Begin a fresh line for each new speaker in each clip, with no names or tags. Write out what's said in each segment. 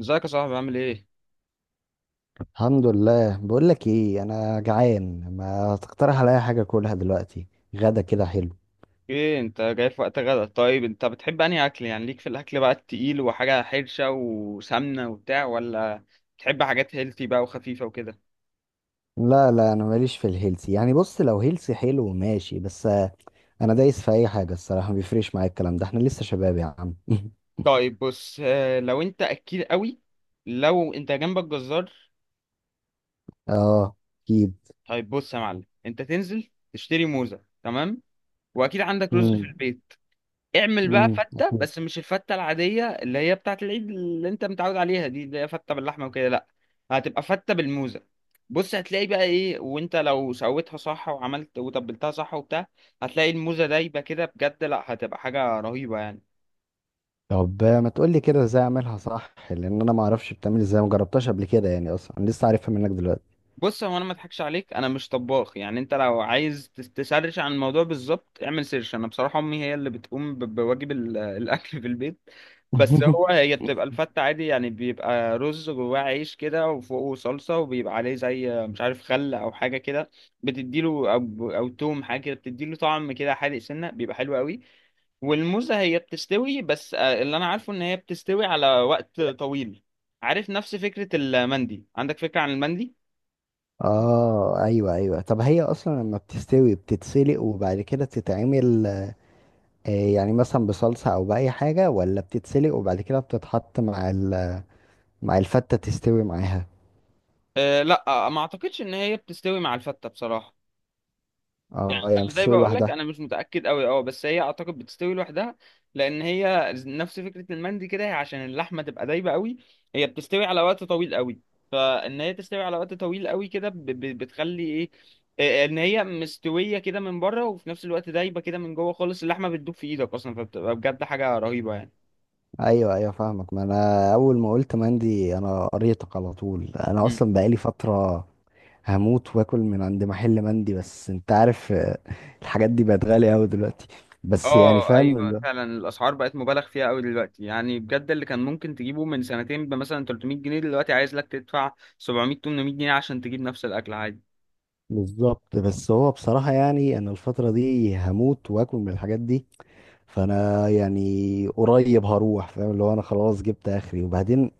ازيك يا صاحبي، عامل ايه؟
الحمد لله. بقول لك ايه، انا جعان، ما تقترح عليا حاجه اكلها دلوقتي؟ غدا كده حلو.
ايه انت جاي في وقت غدا؟ طيب، انت بتحب انهي اكل؟ يعني ليك في الاكل بقى التقيل وحاجة حرشة وسمنة وبتاع، ولا بتحب حاجات هيلثي بقى وخفيفة وكده؟
لا لا انا ماليش في الهيلثي، يعني بص لو هيلثي حلو ماشي، بس انا دايس في اي حاجه الصراحه، ما بيفرقش معايا الكلام ده، احنا لسه شباب يا عم.
طيب بص، لو انت اكيل قوي، لو انت جنبك جزار،
اه اكيد.
طيب بص يا معلم، انت تنزل تشتري موزة، تمام؟ واكيد عندك رز في
امم.
البيت. اعمل بقى فتة،
أكيد.
بس مش الفتة العادية اللي هي بتاعة العيد اللي انت متعود عليها، دي اللي هي فتة باللحمة وكده، لا، هتبقى فتة بالموزة. بص هتلاقي بقى ايه، وانت لو سويتها صح وعملت وتبلتها صح وبتاع، هتلاقي الموزة دايبة كده بجد، لا، هتبقى حاجة رهيبة يعني.
طب ما تقول لي كده ازاي اعملها صح، لان انا ما اعرفش بتعمل ازاي، ما جربتهاش قبل كده، يعني اصلا أنا لسه عارفها منك دلوقتي.
بص، هو انا ما اضحكش عليك، انا مش طباخ يعني، انت لو عايز تسرش عن الموضوع بالظبط، اعمل سيرش. انا بصراحه امي هي اللي بتقوم بواجب الاكل في البيت. بس هو هي بتبقى الفته عادي، يعني بيبقى رز جواه، عيش كده وفوقه صلصه، وبيبقى عليه زي مش عارف خل او حاجه كده، بتديله او توم حاجه كده، بتديله طعم كده حادق سنه، بيبقى حلو قوي. والموزه هي بتستوي، بس اللي انا عارفه ان هي بتستوي على وقت طويل. عارف نفس فكره المندي؟ عندك فكره عن المندي؟
اه ايوه ايوه، طب هي اصلا لما بتستوي بتتسلق وبعد كده تتعمل يعني مثلا بصلصة او بأي حاجة، ولا بتتسلق وبعد كده بتتحط مع مع الفتة تستوي معاها؟
أه، لا، ما اعتقدش ان هي بتستوي مع الفتة بصراحة.
اه يعني
انا زي ما
بتستوي
بقول لك،
لوحدها.
انا مش متأكد قوي، اه، بس هي اعتقد بتستوي لوحدها، لان هي نفس فكرة المندي كده، هي عشان اللحمة تبقى دايبة قوي، هي بتستوي على وقت طويل قوي. فان هي تستوي على وقت طويل قوي كده، بتخلي ايه، ان هي مستوية كده من بره وفي نفس الوقت دايبة كده من جوه خالص، اللحمة بتدوب في ايدك اصلا، فبتبقى بجد حاجة رهيبة يعني.
ايوه ايوه فاهمك، ما انا اول ما قلت مندي انا قريتك على طول، انا اصلا بقالي فترة هموت واكل من عند محل مندي، بس انت عارف الحاجات دي بقت غالية اوي دلوقتي، بس يعني
اه
فاهم.
ايوه، فعلا الاسعار بقت مبالغ فيها قوي دلوقتي، يعني بجد اللي كان ممكن تجيبه من سنتين بمثلا 300 جنيه، دلوقتي عايز لك تدفع 700 800 جنيه عشان تجيب نفس الاكل عادي.
بالظبط، بس هو بصراحة يعني أنا الفترة دي هموت وآكل من الحاجات دي، فأنا يعني قريب هروح، فاهم اللي هو أنا خلاص جبت آخري. وبعدين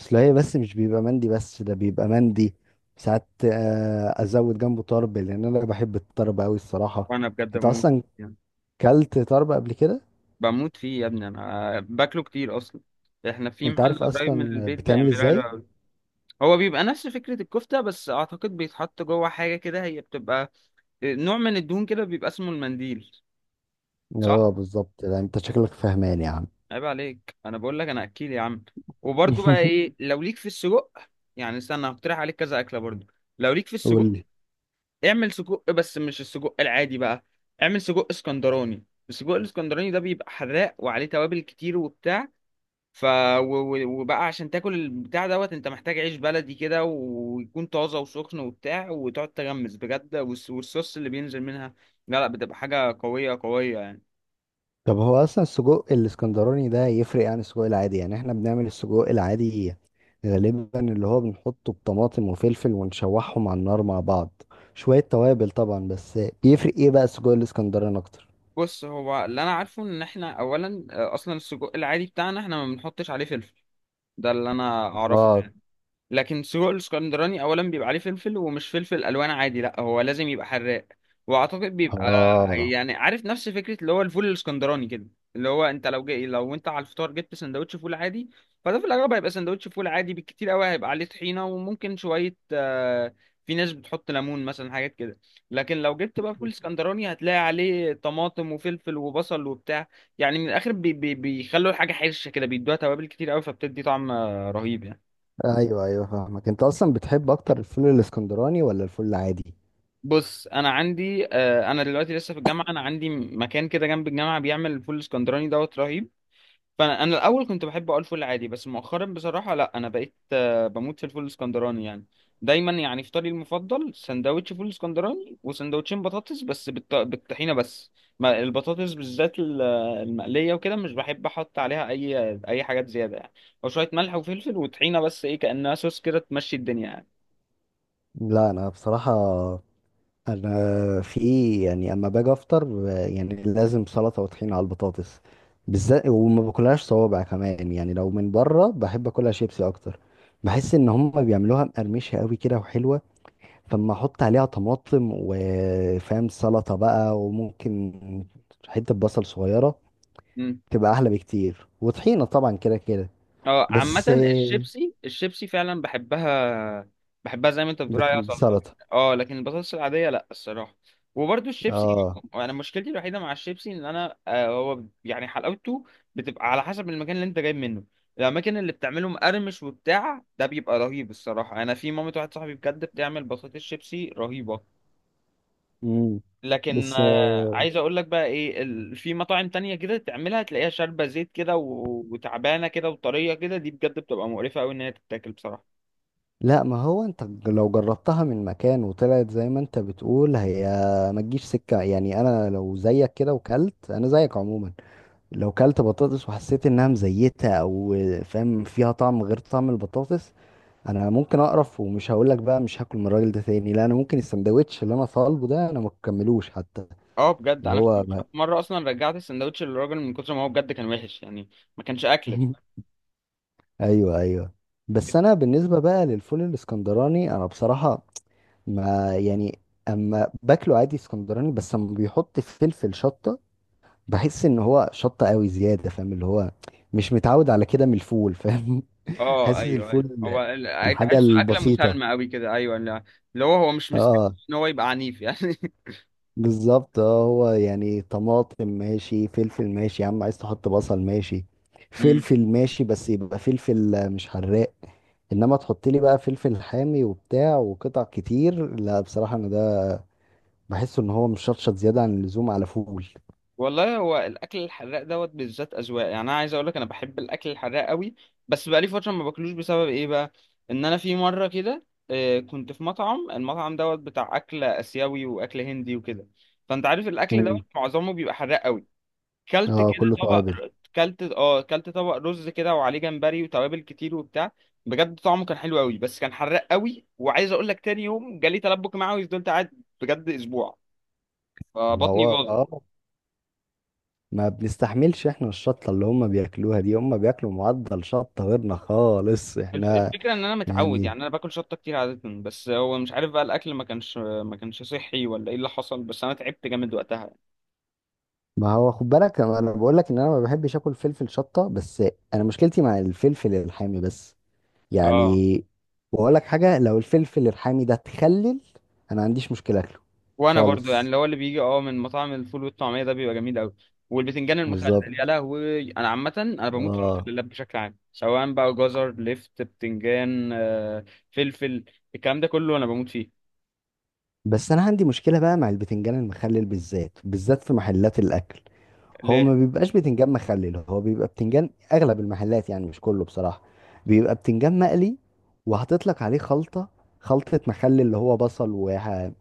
أصل هي بس مش بيبقى مندي بس، ده بيبقى مندي ساعات أزود جنبه طرب، لأن أنا بحب الطرب أوي الصراحة.
وانا بجد
أنت
بموت
أصلا
يعني،
كلت طرب قبل كده؟
بموت فيه يا ابني، انا باكله كتير اصلا، احنا في
أنت
محل
عارف
قريب من
أصلا
البيت
بتعمل
بيعمله حلو
إزاي؟
قوي. هو بيبقى نفس فكرة الكفتة، بس اعتقد بيتحط جوه حاجة كده، هي بتبقى نوع من الدهون كده، بيبقى اسمه المنديل، صح؟
اه بالظبط، لا أنت شكلك فهمان يا عم.
عيب عليك، انا بقول لك انا اكيل يا عم. وبرضو بقى ايه، لو ليك في السجق، يعني استنى، هقترح عليك كذا اكله برضو، لو ليك في السجق،
قول.
اعمل سجق، بس مش السجق العادي بقى، اعمل سجق اسكندراني. السجق الاسكندراني ده بيبقى حراق وعليه توابل كتير وبتاع، ف و- وبقى عشان تاكل البتاع دوت انت محتاج عيش بلدي كده، ويكون طازه وسخن وبتاع، وتقعد تغمس بجد، والصوص اللي بينزل منها، لا لا، بتبقى حاجه قويه قويه يعني.
طب هو اصلا السجق الاسكندراني ده يفرق عن السجق العادي؟ يعني احنا بنعمل السجق العادي غالبا اللي هو بنحطه بطماطم وفلفل ونشوحهم على النار مع بعض، شوية توابل طبعا، بس بيفرق ايه بقى السجق الاسكندراني اكتر؟
بص، هو اللي انا عارفه ان احنا اولا، اصلا السجق العادي بتاعنا احنا ما بنحطش عليه فلفل، ده اللي انا اعرفه
اه.
يعني. لكن سجق الاسكندراني اولا بيبقى عليه فلفل، ومش فلفل الوان عادي، لا، هو لازم يبقى حراق، واعتقد بيبقى،
اه
يعني عارف نفس فكره اللي هو الفول الاسكندراني كده، اللي هو انت لو جاي لو انت على الفطار جبت سندوتش فول عادي، فده في الاغلب هيبقى سندوتش فول عادي، بالكتير قوي هيبقى عليه طحينه، وممكن شويه، في ناس بتحط ليمون مثلا، حاجات كده. لكن لو جبت بقى فول اسكندراني، هتلاقي عليه طماطم وفلفل وبصل وبتاع، يعني من الاخر بي بي بيخلوا الحاجه حرشه كده، بيدوها توابل كتير قوي، فبتدي طعم رهيب يعني.
ايوه ايوه فاهمك. انت اصلا بتحب اكتر الفول الاسكندراني ولا الفول العادي؟
بص انا عندي، انا دلوقتي لسه في الجامعه، انا عندي مكان كده جنب الجامعه بيعمل الفول الاسكندراني دوت رهيب، فانا الاول كنت بحب اقول فول عادي، بس مؤخرا بصراحه، لا، انا بقيت بموت في الفول الاسكندراني يعني. دايما يعني فطاري المفضل سندوتش فول اسكندراني، وسندوتشين بطاطس بس بالطحينه بس. ما البطاطس بالذات المقليه وكده مش بحب احط عليها اي حاجات زياده يعني، او شويه ملح وفلفل وطحينه بس، ايه، كانها صوص كده تمشي الدنيا
لا انا بصراحة انا في ايه يعني، اما باجي افطر يعني لازم سلطه وطحينه على البطاطس بالذات، وما باكلهاش صوابع كمان، يعني لو من بره بحب اكلها شيبسي اكتر، بحس ان هم بيعملوها مقرمشه قوي كده وحلوه، فاما احط عليها طماطم وفاهم سلطه بقى وممكن حته بصل صغيره
يعني.
تبقى احلى بكتير، وطحينه طبعا كده كده،
اه، عامة
بس
الشيبسي الشيبسي فعلا بحبها، بحبها زي ما انت بتقول عليها سلطة،
بسلطه.
اه لكن البطاطس العادية، لا، الصراحة، وبرضو الشيبسي.
اه.
انا مشكلتي الوحيدة مع الشيبسي ان انا هو يعني حلاوته بتبقى على حسب المكان اللي انت جايب منه. الاماكن اللي بتعمله مقرمش وبتاع ده بيبقى رهيب الصراحة، انا في مامة واحد صاحبي بجد بتعمل بطاطس شيبسي رهيبة.
امم.
لكن
بس
عايز اقول لك بقى ايه، في مطاعم تانية كده تعملها تلاقيها شاربة زيت كده، وتعبانة كده وطرية كده، دي بجد بتبقى مقرفة قوي ان هي تتاكل بصراحة.
لا ما هو انت لو جربتها من مكان وطلعت زي ما انت بتقول، هي ما تجيش سكة، يعني انا لو زيك كده وكلت، انا زيك عموما، لو كلت بطاطس وحسيت انها مزيتة او فاهم فيها طعم غير طعم البطاطس، انا ممكن اقرف ومش هقولك بقى مش هاكل من الراجل ده تاني، لا انا ممكن السندوتش اللي انا طالبه ده انا ما اكملوش حتى.
اه بجد
اللي
انا
هو
في
ما...
في مرة اصلا رجعت السندوتش للراجل من كتر ما هو بجد كان وحش يعني، ما كانش اكل.
ايوه ايوه. بس انا بالنسبة بقى للفول الاسكندراني، انا بصراحة ما يعني، اما باكله عادي اسكندراني بس اما بيحط فلفل شطه، بحس ان هو شطه قوي زياده، فاهم اللي هو مش متعود على كده من الفول، فاهم؟
اه
حاسس
ايوه ايوه،
الفول
هو
الحاجه
تحسه اكلة
البسيطه.
مسالمة قوي كده، ايوه، اللي هو مش مستني
اه
ان هو يبقى عنيف يعني.
بالظبط، اه هو يعني طماطم ماشي، فلفل ماشي، يا عم عايز تحط بصل ماشي، فلفل ماشي، بس يبقى فلفل مش حراق، انما تحط لي بقى فلفل حامي وبتاع وقطع كتير، لا بصراحه انا ده بحسه ان هو مشطشط زياده عن اللزوم على فول.
والله هو الاكل الحراق دوت بالذات اذواق، يعني انا عايز اقول لك انا بحب الاكل الحراق قوي، بس بقالي فتره ما باكلوش، بسبب ايه بقى؟ ان انا في مره كده كنت في مطعم، المطعم دوت بتاع اكل اسيوي واكل هندي وكده، فانت عارف الاكل
مم.
دوت معظمه بيبقى حراق قوي. كلت
اه
كده
كله
طبق،
توابل.
كلت طبق رز كده وعليه جمبري وتوابل كتير وبتاع، بجد طعمه كان حلو قوي بس كان حراق قوي، وعايز اقول لك تاني يوم جالي تلبك معوي، فضلت قاعد بجد اسبوع،
ما
فبطني
هو
باظت.
اه، ما بنستحملش احنا الشطة اللي هم بياكلوها دي، هم بياكلوا معدل شطة غيرنا خالص احنا،
الفكرة ان انا متعود،
يعني
يعني انا باكل شطة كتير عادة، بس هو مش عارف بقى الاكل ما كانش صحي، ولا ايه اللي حصل؟ بس انا تعبت جامد وقتها.
ما هو خد بالك، انا بقول لك ان انا ما بحبش اكل فلفل شطة، بس انا مشكلتي مع الفلفل الحامي بس، يعني
اه،
بقول لك حاجة، لو الفلفل الحامي ده اتخلل انا ما عنديش مشكلة اكله
وانا برضو يعني،
خالص.
اللي هو اللي بيجي اه من مطاعم الفول والطعمية ده بيبقى جميل قوي، والبتنجان
بالظبط.
المخلل، يا لهوي، انا عامة انا بموت في
اه.
المخللات بشكل عام، سواء بقى جزر، لفت، بتنجان، فلفل، الكلام ده كله انا بموت فيه.
بس انا عندي مشكلة بقى مع البتنجان المخلل، بالذات بالذات في محلات الاكل. هو ما
ليه؟
بيبقاش بتنجان مخلل، هو بيبقى بتنجان اغلب المحلات، يعني مش كله بصراحة، بيبقى بتنجان مقلي وحاطط لك عليه خلطة، خلطة مخلل اللي هو بصل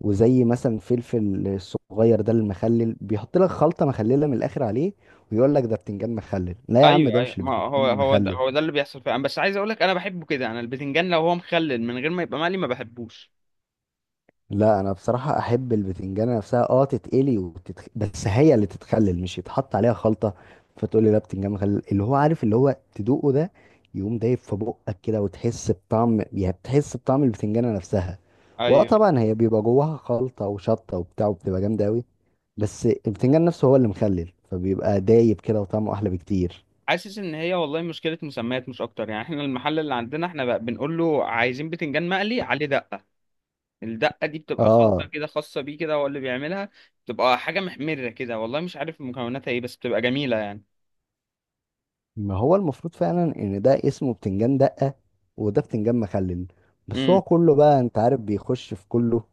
وزي مثلا فلفل الصغير ده المخلل، بيحط لك خلطة مخللة من الاخر عليه، ويقول لك ده بتنجان مخلل. لا يا عم،
ايوه
ده
ايوه،
مش
ما هو
البتنجان
هو ده
المخلل.
هو ده اللي بيحصل فعلا، بس عايز اقول لك انا بحبه كده، انا البتنجان لو هو مخلل من غير ما يبقى مقلي ما بحبوش.
لا انا بصراحه احب البتنجانه نفسها اه، تتقلي بس هي اللي تتخلل، مش يتحط عليها خلطه فتقول لي لا بتنجان مخلل، اللي هو عارف اللي هو تدوقه ده يقوم دايب في بقك كده، وتحس بطعم، يعني بتحس بطعم البتنجانه نفسها. واه
ايوه،
طبعا هي بيبقى جواها خلطه وشطه وبتاع وبتبقى جامده قوي، بس البتنجان نفسه هو اللي مخلل، فبيبقى دايب كده وطعمه احلى بكتير.
حاسس ان هي والله مشكله مسميات مش اكتر يعني. احنا المحل اللي عندنا احنا بقى بنقول له عايزين بتنجان مقلي عليه دقه، الدقه دي بتبقى خلطه
اه
كده خاصه بيه، كده هو اللي بيعملها، بتبقى حاجه محمره كده، والله مش عارف مكوناتها ايه، بس بتبقى جميله يعني.
ما هو المفروض فعلا ان ده اسمه بتنجان دقة، وده بتنجان مخلل، بس
امم.
هو كله بقى انت عارف بيخش في كله،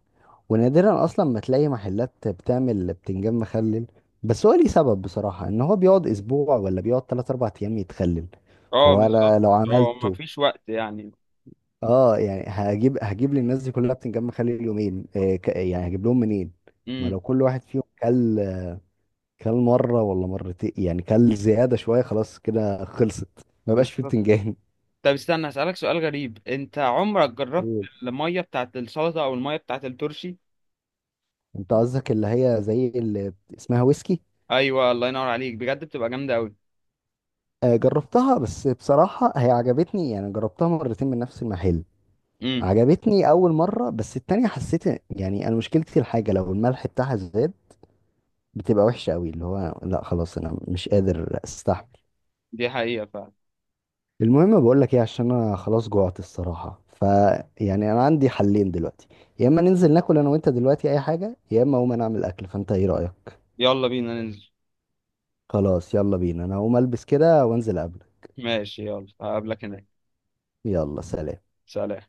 ونادرا اصلا ما تلاقي محلات بتعمل بتنجان مخلل، بس هو ليه سبب بصراحة، ان هو بيقعد اسبوع ولا بيقعد 3 4 ايام يتخلل،
اه
فهو
بالظبط.
أنا لو
اه، ما
عملته
فيش وقت يعني.
اه، يعني هجيب هجيب للناس دي كلها بتنجان مخلل يومين، يعني هجيب لهم منين؟ ما لو
امم.
كل واحد فيهم كل كل مرة ولا مرتين، يعني كل زيادة شوية خلاص كده خلصت، ما بقاش فيه
بالظبط.
بتنجان.
طب استنى اسالك سؤال غريب، انت عمرك جربت
قول.
الميه بتاعت السلطه او الميه بتاعت الترشي؟
انت قصدك اللي هي زي اللي اسمها ويسكي؟
ايوه، الله ينور عليك، بجد بتبقى جامده قوي.
جربتها، بس بصراحة هي عجبتني يعني، جربتها مرتين من نفس المحل،
امم.
عجبتني أول مرة، بس التانية حسيت يعني أنا مشكلتي الحاجة لو الملح بتاعها زاد، بتبقى وحشة قوي، اللي هو لا خلاص أنا مش قادر أستحمل.
دي حقيقه فعلا.
المهم بقول لك إيه، عشان أنا خلاص جوعت الصراحة، فيعني أنا عندي حلين دلوقتي، يا إما ننزل ناكل أنا وأنت دلوقتي أي حاجة، يا إما أقوم أنا أعمل أكل، فأنت إيه رأيك؟
يلا بينا ننزل.
خلاص يلا بينا، أنا هقوم ألبس كده وأنزل أقابلك.
ماشي، يلا هقابلك هناك.
يلا سلام.
سلام.